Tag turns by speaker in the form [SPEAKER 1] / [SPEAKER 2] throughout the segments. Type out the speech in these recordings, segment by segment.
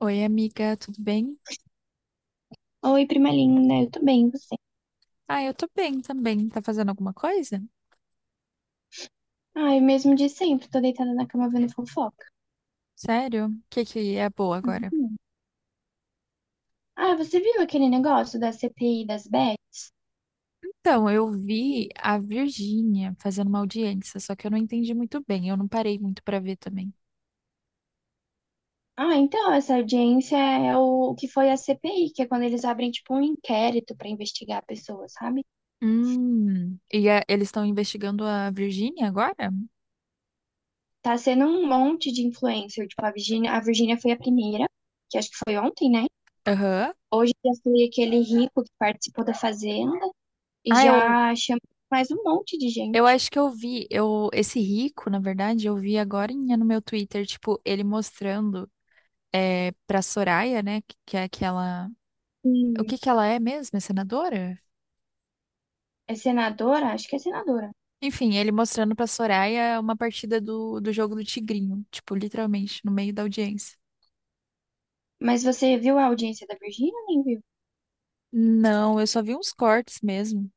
[SPEAKER 1] Oi, amiga, tudo bem?
[SPEAKER 2] Oi, prima linda, eu tô bem, e você?
[SPEAKER 1] Ah, eu tô bem também. Tá fazendo alguma coisa?
[SPEAKER 2] Ai, mesmo de sempre, tô deitada na cama vendo fofoca.
[SPEAKER 1] Sério? O que é boa agora?
[SPEAKER 2] Uhum. Ah, você viu aquele negócio da CPI das bets?
[SPEAKER 1] Então, eu vi a Virgínia fazendo uma audiência, só que eu não entendi muito bem. Eu não parei muito pra ver também.
[SPEAKER 2] Ah, então, essa audiência é o que foi a CPI, que é quando eles abrem, tipo, um inquérito pra investigar a pessoa, sabe?
[SPEAKER 1] Eles estão investigando a Virgínia agora?
[SPEAKER 2] Tá sendo um monte de influencer, tipo, a Virgínia foi a primeira, que acho que foi ontem, né?
[SPEAKER 1] Aham.
[SPEAKER 2] Hoje já foi aquele rico que participou da Fazenda e
[SPEAKER 1] Ah, eu,
[SPEAKER 2] já chamou mais um monte de
[SPEAKER 1] eu
[SPEAKER 2] gente.
[SPEAKER 1] acho que eu vi, eu, esse rico, na verdade, eu vi agora no meu Twitter, tipo, ele mostrando pra Soraya, né, que é aquela... O
[SPEAKER 2] Hum.
[SPEAKER 1] que que ela é mesmo? É senadora?
[SPEAKER 2] É senadora? Acho que é senadora.
[SPEAKER 1] Enfim, ele mostrando pra Soraya uma partida do jogo do Tigrinho, tipo, literalmente, no meio da audiência.
[SPEAKER 2] Mas você viu a audiência da Virgínia, nem viu?
[SPEAKER 1] Não, eu só vi uns cortes mesmo.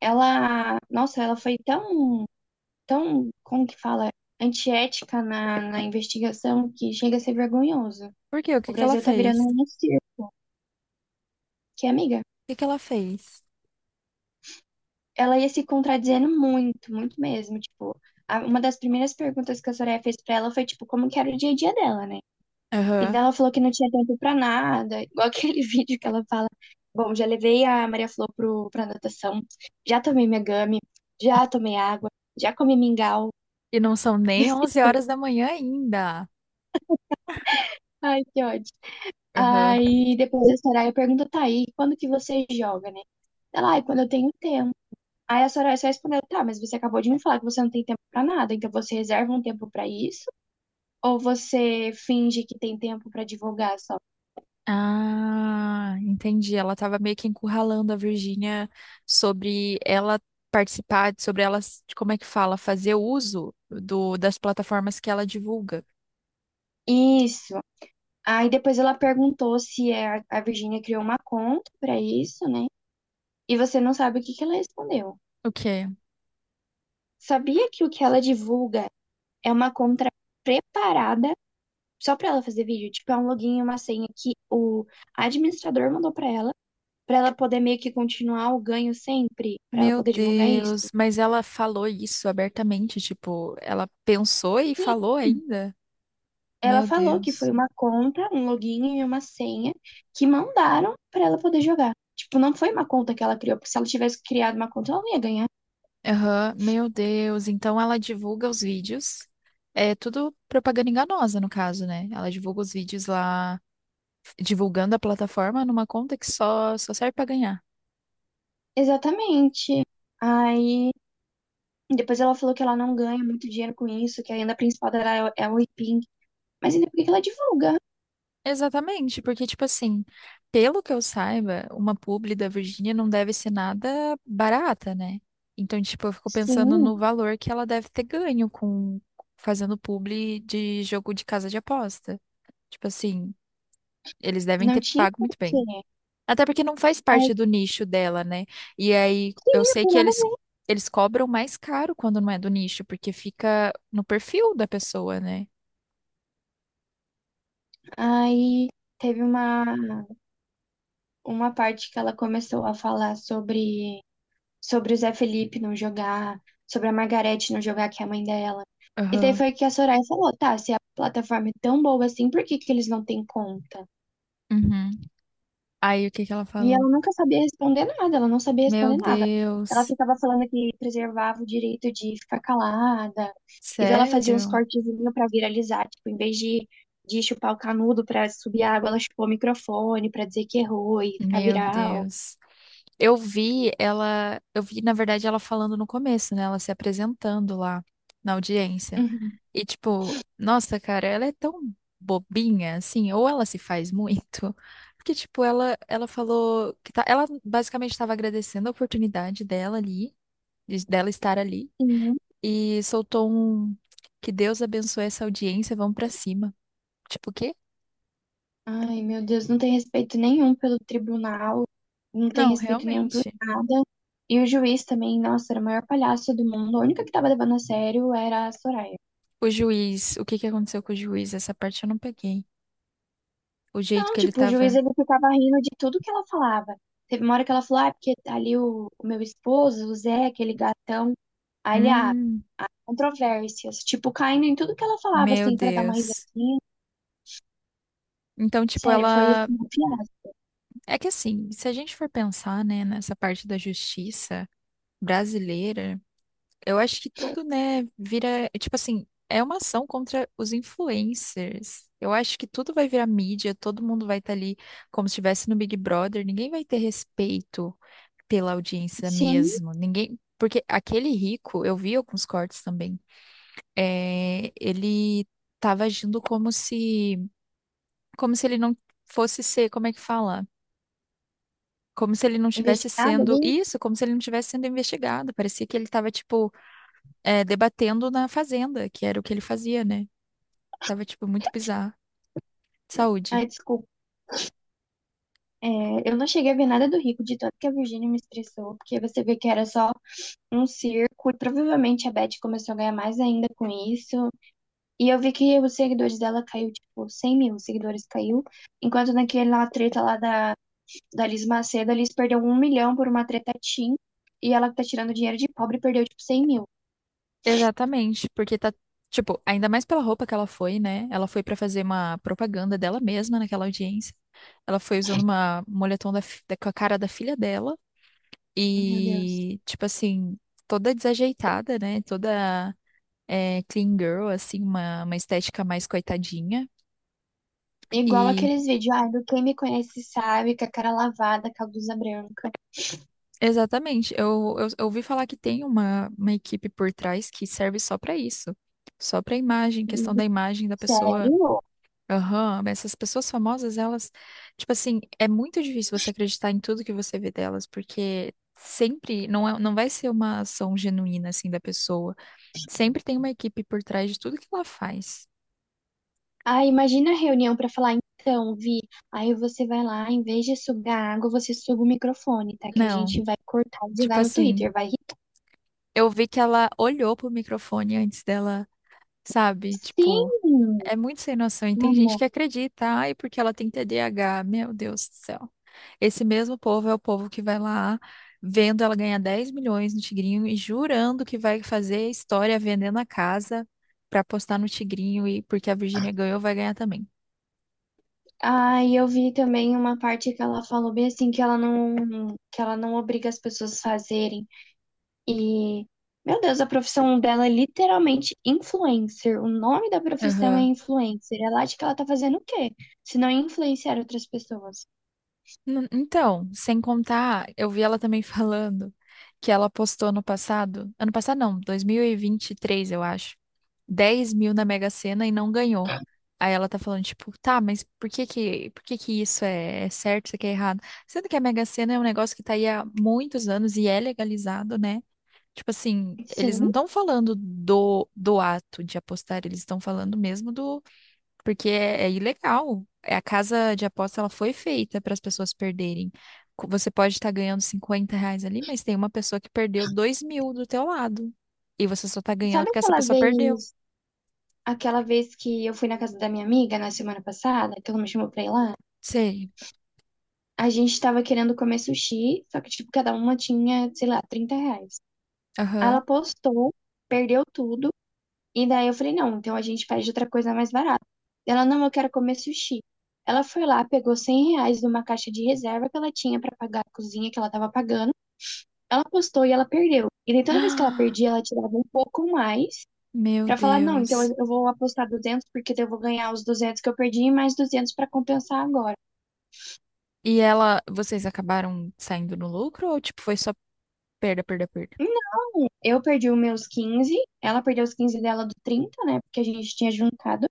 [SPEAKER 2] Ela, nossa, ela foi tão, como que fala, antiética na investigação que chega a ser vergonhoso.
[SPEAKER 1] Por quê? O
[SPEAKER 2] O
[SPEAKER 1] que que ela
[SPEAKER 2] Brasil tá virando
[SPEAKER 1] fez? O
[SPEAKER 2] um circo, que amiga,
[SPEAKER 1] que que ela fez?
[SPEAKER 2] ela ia se contradizendo muito, muito mesmo, tipo, uma das primeiras perguntas que a Soraya fez pra ela foi, tipo, como que era o dia a dia dela, né? E
[SPEAKER 1] Aham.
[SPEAKER 2] daí ela falou que não tinha tempo pra nada, igual aquele vídeo que ela fala: Bom, já levei a Maria Flor pra natação, já tomei minha gami, já tomei água, já comi mingau.
[SPEAKER 1] E não são nem 11 horas da manhã ainda.
[SPEAKER 2] Ai, que ódio.
[SPEAKER 1] Aham.
[SPEAKER 2] Aí depois a Soraya pergunta: Tá, e quando que você joga, né? Ela, ai, quando eu tenho tempo. Aí a Soraya só respondeu: Tá, mas você acabou de me falar que você não tem tempo pra nada, então você reserva um tempo pra isso? Ou você finge que tem tempo pra divulgar só?
[SPEAKER 1] Ah, entendi. Ela tava meio que encurralando a Virgínia sobre ela participar, sobre ela, como é que fala, fazer uso das plataformas que ela divulga.
[SPEAKER 2] Isso. Aí depois ela perguntou se a Virgínia criou uma conta pra isso, né? E você não sabe o que que ela respondeu.
[SPEAKER 1] O quê?
[SPEAKER 2] Sabia que o que ela divulga é uma conta preparada só pra ela fazer vídeo? Tipo, é um login e uma senha que o administrador mandou pra ela poder meio que continuar o ganho sempre, pra ela
[SPEAKER 1] Meu
[SPEAKER 2] poder divulgar isso.
[SPEAKER 1] Deus, mas ela falou isso abertamente, tipo, ela pensou e
[SPEAKER 2] Sim,
[SPEAKER 1] falou ainda?
[SPEAKER 2] ela
[SPEAKER 1] Meu
[SPEAKER 2] falou que foi
[SPEAKER 1] Deus.
[SPEAKER 2] uma conta, um login e uma senha que mandaram pra ela poder jogar. Tipo, não foi uma conta que ela criou, porque se ela tivesse criado uma conta, ela não ia ganhar.
[SPEAKER 1] Aham, meu Deus. Então ela divulga os vídeos. É tudo propaganda enganosa, no caso, né? Ela divulga os vídeos lá, divulgando a plataforma numa conta que só serve pra ganhar.
[SPEAKER 2] Exatamente. Aí depois ela falou que ela não ganha muito dinheiro com isso, que a renda principal dela é o Ipim. Mas ainda por que que ela divulga?
[SPEAKER 1] Exatamente, porque, tipo assim, pelo que eu saiba, uma publi da Virgínia não deve ser nada barata, né? Então, tipo, eu fico pensando
[SPEAKER 2] Sim,
[SPEAKER 1] no valor que ela deve ter ganho com fazendo publi de jogo de casa de aposta. Tipo assim, eles devem
[SPEAKER 2] não
[SPEAKER 1] ter
[SPEAKER 2] tinha
[SPEAKER 1] pago muito bem.
[SPEAKER 2] porquê.
[SPEAKER 1] Até porque não faz
[SPEAKER 2] Aí,
[SPEAKER 1] parte do nicho dela, né? E aí,
[SPEAKER 2] sim,
[SPEAKER 1] eu
[SPEAKER 2] não
[SPEAKER 1] sei
[SPEAKER 2] tem
[SPEAKER 1] que
[SPEAKER 2] nada a
[SPEAKER 1] eles,
[SPEAKER 2] ver.
[SPEAKER 1] eles cobram mais caro quando não é do nicho, porque fica no perfil da pessoa, né?
[SPEAKER 2] Aí teve uma parte que ela começou a falar sobre o Zé Felipe não jogar, sobre a Margarete não jogar, que é a mãe dela. E daí
[SPEAKER 1] Aham.
[SPEAKER 2] foi que a Soraya falou, tá, se a plataforma é tão boa assim, por que que eles não têm conta?
[SPEAKER 1] Uhum. Aí, o que que ela
[SPEAKER 2] E
[SPEAKER 1] falou?
[SPEAKER 2] ela nunca sabia responder nada, ela não sabia
[SPEAKER 1] Meu
[SPEAKER 2] responder nada. Ela
[SPEAKER 1] Deus,
[SPEAKER 2] ficava falando que preservava o direito de ficar calada, e daí ela fazia uns
[SPEAKER 1] sério?
[SPEAKER 2] cortezinhos pra viralizar, tipo, em vez de chupar o canudo pra subir a água, ela chupou o microfone pra dizer que errou e ficar
[SPEAKER 1] Meu
[SPEAKER 2] viral.
[SPEAKER 1] Deus. Eu vi, na verdade, ela falando no começo, né? Ela se apresentando lá na audiência.
[SPEAKER 2] Uhum.
[SPEAKER 1] E tipo, nossa, cara, ela é tão bobinha, assim, ou ela se faz muito, porque tipo, ela falou que tá, ela basicamente estava agradecendo a oportunidade dela ali, dela estar ali,
[SPEAKER 2] Sim.
[SPEAKER 1] e soltou um que Deus abençoe essa audiência, vamos pra cima. Tipo, o quê?
[SPEAKER 2] Ai, meu Deus, não tem respeito nenhum pelo tribunal, não tem
[SPEAKER 1] Não,
[SPEAKER 2] respeito nenhum por
[SPEAKER 1] realmente.
[SPEAKER 2] nada. E o juiz também, nossa, era o maior palhaço do mundo. A única que tava levando a sério era a Soraya.
[SPEAKER 1] O juiz, o que que aconteceu com o juiz? Essa parte eu não peguei. O jeito
[SPEAKER 2] Não,
[SPEAKER 1] que ele
[SPEAKER 2] tipo, o juiz
[SPEAKER 1] tava.
[SPEAKER 2] ele ficava rindo de tudo que ela falava. Teve uma hora que ela falou, ah, porque ali o meu esposo, o Zé, aquele gatão, aí ele, ah,
[SPEAKER 1] Hum,
[SPEAKER 2] controvérsias, tipo, caindo em tudo que ela falava,
[SPEAKER 1] meu
[SPEAKER 2] assim, pra dar uma
[SPEAKER 1] Deus.
[SPEAKER 2] risadinha.
[SPEAKER 1] Então, tipo,
[SPEAKER 2] Sério, foi
[SPEAKER 1] ela.
[SPEAKER 2] assim, um fiasco.
[SPEAKER 1] É que assim, se a gente for pensar, né, nessa parte da justiça brasileira, eu acho que tudo, né, vira. Tipo assim, é uma ação contra os influencers. Eu acho que tudo vai virar mídia, todo mundo vai estar ali como se estivesse no Big Brother, ninguém vai ter respeito pela audiência
[SPEAKER 2] Sim,
[SPEAKER 1] mesmo. Ninguém. Porque aquele rico, eu vi alguns cortes também ele estava agindo como se ele não fosse ser, como é que fala? Como se ele não tivesse
[SPEAKER 2] investigada
[SPEAKER 1] sendo
[SPEAKER 2] ali.
[SPEAKER 1] isso, como se ele não tivesse sendo investigado. Parecia que ele estava tipo debatendo na fazenda, que era o que ele fazia, né? Tava tipo muito bizarro.
[SPEAKER 2] Ah,
[SPEAKER 1] Saúde.
[SPEAKER 2] desculpa. É, eu não cheguei a ver nada do Rico, de tanto que a Virgínia me estressou, porque você vê que era só um circo, e provavelmente a Beth começou a ganhar mais ainda com isso. E eu vi que os seguidores dela caiu, tipo, 100 mil seguidores caiu. Enquanto naquela treta lá da Liz Macedo, a Liz perdeu 1 milhão por uma treta Tim. E ela que tá tirando dinheiro de pobre perdeu, tipo, 100 mil.
[SPEAKER 1] Exatamente, porque tá tipo, ainda mais pela roupa que ela foi, né? Ela foi pra fazer uma propaganda dela mesma naquela audiência. Ela foi usando uma um moletom da, com a cara da filha dela.
[SPEAKER 2] Meu Deus.
[SPEAKER 1] E, tipo assim, toda desajeitada, né? Toda clean girl, assim, uma estética mais coitadinha.
[SPEAKER 2] Igual
[SPEAKER 1] E,
[SPEAKER 2] aqueles vídeos, ai, do quem me conhece sabe, com a cara lavada, com a blusa branca.
[SPEAKER 1] exatamente, eu ouvi falar que tem uma equipe por trás que serve só pra isso. Só pra imagem, questão da imagem da pessoa.
[SPEAKER 2] Sério?
[SPEAKER 1] Aham, mas essas pessoas famosas, elas, tipo assim, é muito difícil você acreditar em tudo que você vê delas, porque sempre não vai ser uma ação genuína, assim, da pessoa. Sempre tem uma equipe por trás de tudo que ela faz.
[SPEAKER 2] Ah, imagina a reunião pra falar, então, Vi, aí você vai lá, em vez de sugar água, você suga o microfone, tá? Que a
[SPEAKER 1] Não,
[SPEAKER 2] gente vai cortar e
[SPEAKER 1] tipo
[SPEAKER 2] jogar no
[SPEAKER 1] assim,
[SPEAKER 2] Twitter, vai irritar.
[SPEAKER 1] eu vi que ela olhou pro microfone antes dela, sabe? Tipo,
[SPEAKER 2] Sim!
[SPEAKER 1] é muito sem noção. E tem gente
[SPEAKER 2] Ai,
[SPEAKER 1] que acredita, ai, porque ela tem TDAH. Meu Deus do céu. Esse mesmo povo é o povo que vai lá vendo ela ganhar 10 milhões no Tigrinho e jurando que vai fazer história vendendo a casa pra postar no Tigrinho e porque a Virgínia ganhou, vai ganhar também.
[SPEAKER 2] Ah, e eu vi também uma parte que ela falou bem assim que ela não obriga as pessoas a fazerem. E meu Deus, a profissão dela é literalmente influencer. O nome da profissão é
[SPEAKER 1] Aham.
[SPEAKER 2] influencer. Ela acha que ela tá fazendo o quê? Se não influenciar outras pessoas.
[SPEAKER 1] Então, sem contar, eu vi ela também falando que ela postou ano passado não, 2023, eu acho, 10 mil na Mega Sena e não ganhou. Aí ela tá falando, tipo, tá, mas por que que isso é certo, isso aqui é errado? Sendo que a Mega Sena é um negócio que tá aí há muitos anos e é legalizado, né? Tipo assim, eles não
[SPEAKER 2] Sim.
[SPEAKER 1] estão falando do ato de apostar, eles estão falando mesmo porque é ilegal. É, a casa de aposta ela foi feita para as pessoas perderem. Você pode estar ganhando 50 reais ali, mas tem uma pessoa que perdeu 2 mil do teu lado. E você só tá ganhando
[SPEAKER 2] Sabe
[SPEAKER 1] porque essa
[SPEAKER 2] aquela
[SPEAKER 1] pessoa perdeu.
[SPEAKER 2] vez, aquela vez que eu fui na casa da minha amiga na semana passada, que ela me chamou pra ir lá?
[SPEAKER 1] Sei.
[SPEAKER 2] A gente tava querendo comer sushi, só que tipo cada uma tinha, sei lá, 30 reais. Aí ela
[SPEAKER 1] Aham.
[SPEAKER 2] postou, perdeu tudo. E daí eu falei, não, então a gente pede outra coisa mais barata. Ela, não, eu quero comer sushi. Ela foi lá, pegou 100 reais de uma caixa de reserva que ela tinha pra pagar a cozinha que ela tava pagando. Ela apostou e ela perdeu. E daí toda vez que ela
[SPEAKER 1] Ah,
[SPEAKER 2] perdia, ela tirava um pouco mais
[SPEAKER 1] meu
[SPEAKER 2] pra falar, não, então
[SPEAKER 1] Deus.
[SPEAKER 2] eu vou apostar 200 porque daí eu vou ganhar os 200 que eu perdi e mais 200 pra compensar agora.
[SPEAKER 1] E ela, vocês acabaram saindo no lucro ou tipo foi só perda, perda, perda?
[SPEAKER 2] Não, eu perdi os meus 15, ela perdeu os 15 dela do 30, né? Porque a gente tinha juntado.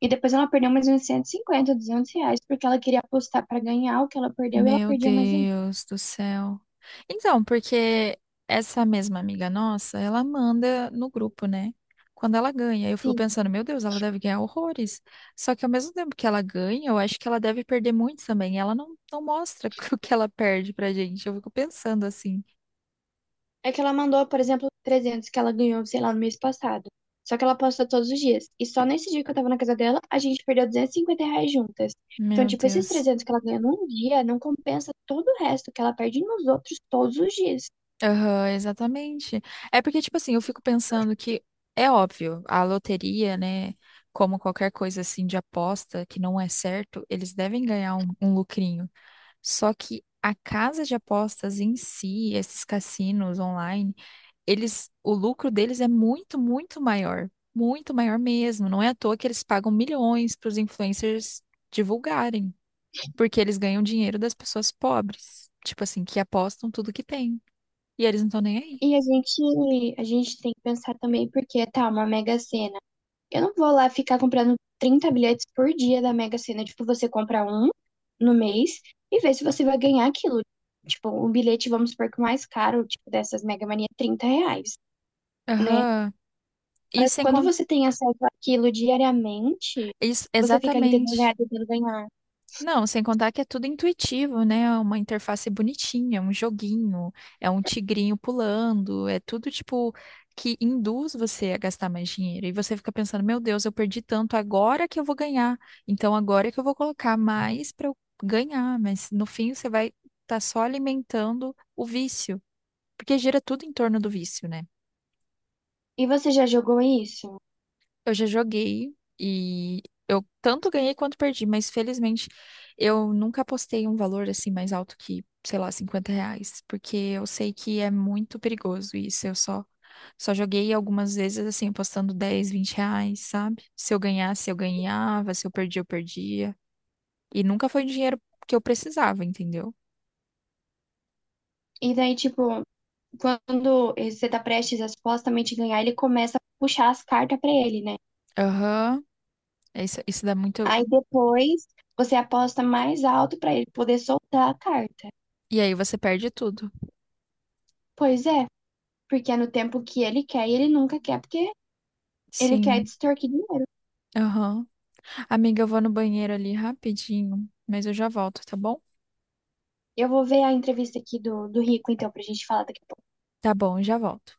[SPEAKER 2] E depois ela perdeu mais uns 150, 200 reais, porque ela queria apostar pra ganhar o que ela perdeu e ela
[SPEAKER 1] Meu
[SPEAKER 2] perdia mais ainda.
[SPEAKER 1] Deus do céu. Então, porque essa mesma amiga nossa, ela manda no grupo, né? Quando ela ganha, eu fico
[SPEAKER 2] Sim.
[SPEAKER 1] pensando, meu Deus, ela deve ganhar horrores. Só que ao mesmo tempo que ela ganha, eu acho que ela deve perder muito também. Ela não, não mostra o que ela perde pra gente. Eu fico pensando assim,
[SPEAKER 2] É que ela mandou, por exemplo, 300 que ela ganhou, sei lá, no mês passado. Só que ela aposta todos os dias. E só nesse dia que eu tava na casa dela, a gente perdeu 250 reais juntas. Então,
[SPEAKER 1] meu
[SPEAKER 2] tipo, esses
[SPEAKER 1] Deus.
[SPEAKER 2] 300 que ela ganha num dia não compensa todo o resto que ela perde nos outros todos os dias.
[SPEAKER 1] Aham, exatamente. É porque, tipo assim, eu fico pensando que é óbvio, a loteria, né? Como qualquer coisa assim de aposta que não é certo, eles devem ganhar um lucrinho. Só que a casa de apostas em si, esses cassinos online, eles, o lucro deles é muito, muito maior. Muito maior mesmo. Não é à toa que eles pagam milhões para os influencers divulgarem, porque eles ganham dinheiro das pessoas pobres, tipo assim, que apostam tudo que tem. E eles não estão nem aí.
[SPEAKER 2] E a gente tem que pensar também, porque tá, uma mega sena, eu não vou lá ficar comprando 30 bilhetes por dia da Mega Sena. Tipo, você compra um no mês e vê se você vai ganhar aquilo. Tipo, um bilhete, vamos supor que o mais caro, tipo, dessas Mega Mania, é 30 reais, né?
[SPEAKER 1] Aham. E
[SPEAKER 2] Pra
[SPEAKER 1] sem
[SPEAKER 2] Quando
[SPEAKER 1] contar.
[SPEAKER 2] você tem acesso àquilo diariamente,
[SPEAKER 1] Isso,
[SPEAKER 2] você fica ali tentando
[SPEAKER 1] exatamente.
[SPEAKER 2] ganhar, tentando ganhar.
[SPEAKER 1] Não, sem contar que é tudo intuitivo, né? É uma interface bonitinha, é um joguinho, é um tigrinho pulando, é tudo tipo que induz você a gastar mais dinheiro. E você fica pensando, meu Deus, eu perdi tanto, agora que eu vou ganhar. Então agora que eu vou colocar mais para eu ganhar. Mas no fim você vai estar só alimentando o vício, porque gira tudo em torno do vício, né?
[SPEAKER 2] E você já jogou isso?
[SPEAKER 1] Eu já joguei e eu tanto ganhei quanto perdi, mas felizmente eu nunca apostei um valor assim mais alto que, sei lá, 50 reais, porque eu sei que é muito perigoso isso. Só joguei algumas vezes assim, apostando 10, 20 reais, sabe? Se eu ganhasse, eu ganhava, se eu perdia, eu perdia. E nunca foi o dinheiro que eu precisava, entendeu?
[SPEAKER 2] E daí, tipo, quando você tá prestes a supostamente ganhar, ele começa a puxar as cartas pra ele, né?
[SPEAKER 1] Aham, isso dá muito.
[SPEAKER 2] Aí depois você aposta mais alto pra ele poder soltar a carta.
[SPEAKER 1] E aí você perde tudo.
[SPEAKER 2] Pois é, porque é no tempo que ele quer e ele nunca quer, porque ele quer
[SPEAKER 1] Sim,
[SPEAKER 2] extorquir dinheiro.
[SPEAKER 1] aham. Amiga, eu vou no banheiro ali rapidinho, mas eu já volto, tá bom?
[SPEAKER 2] Eu vou ver a entrevista aqui do Rico, então, pra gente falar daqui a pouco
[SPEAKER 1] Tá bom, já volto.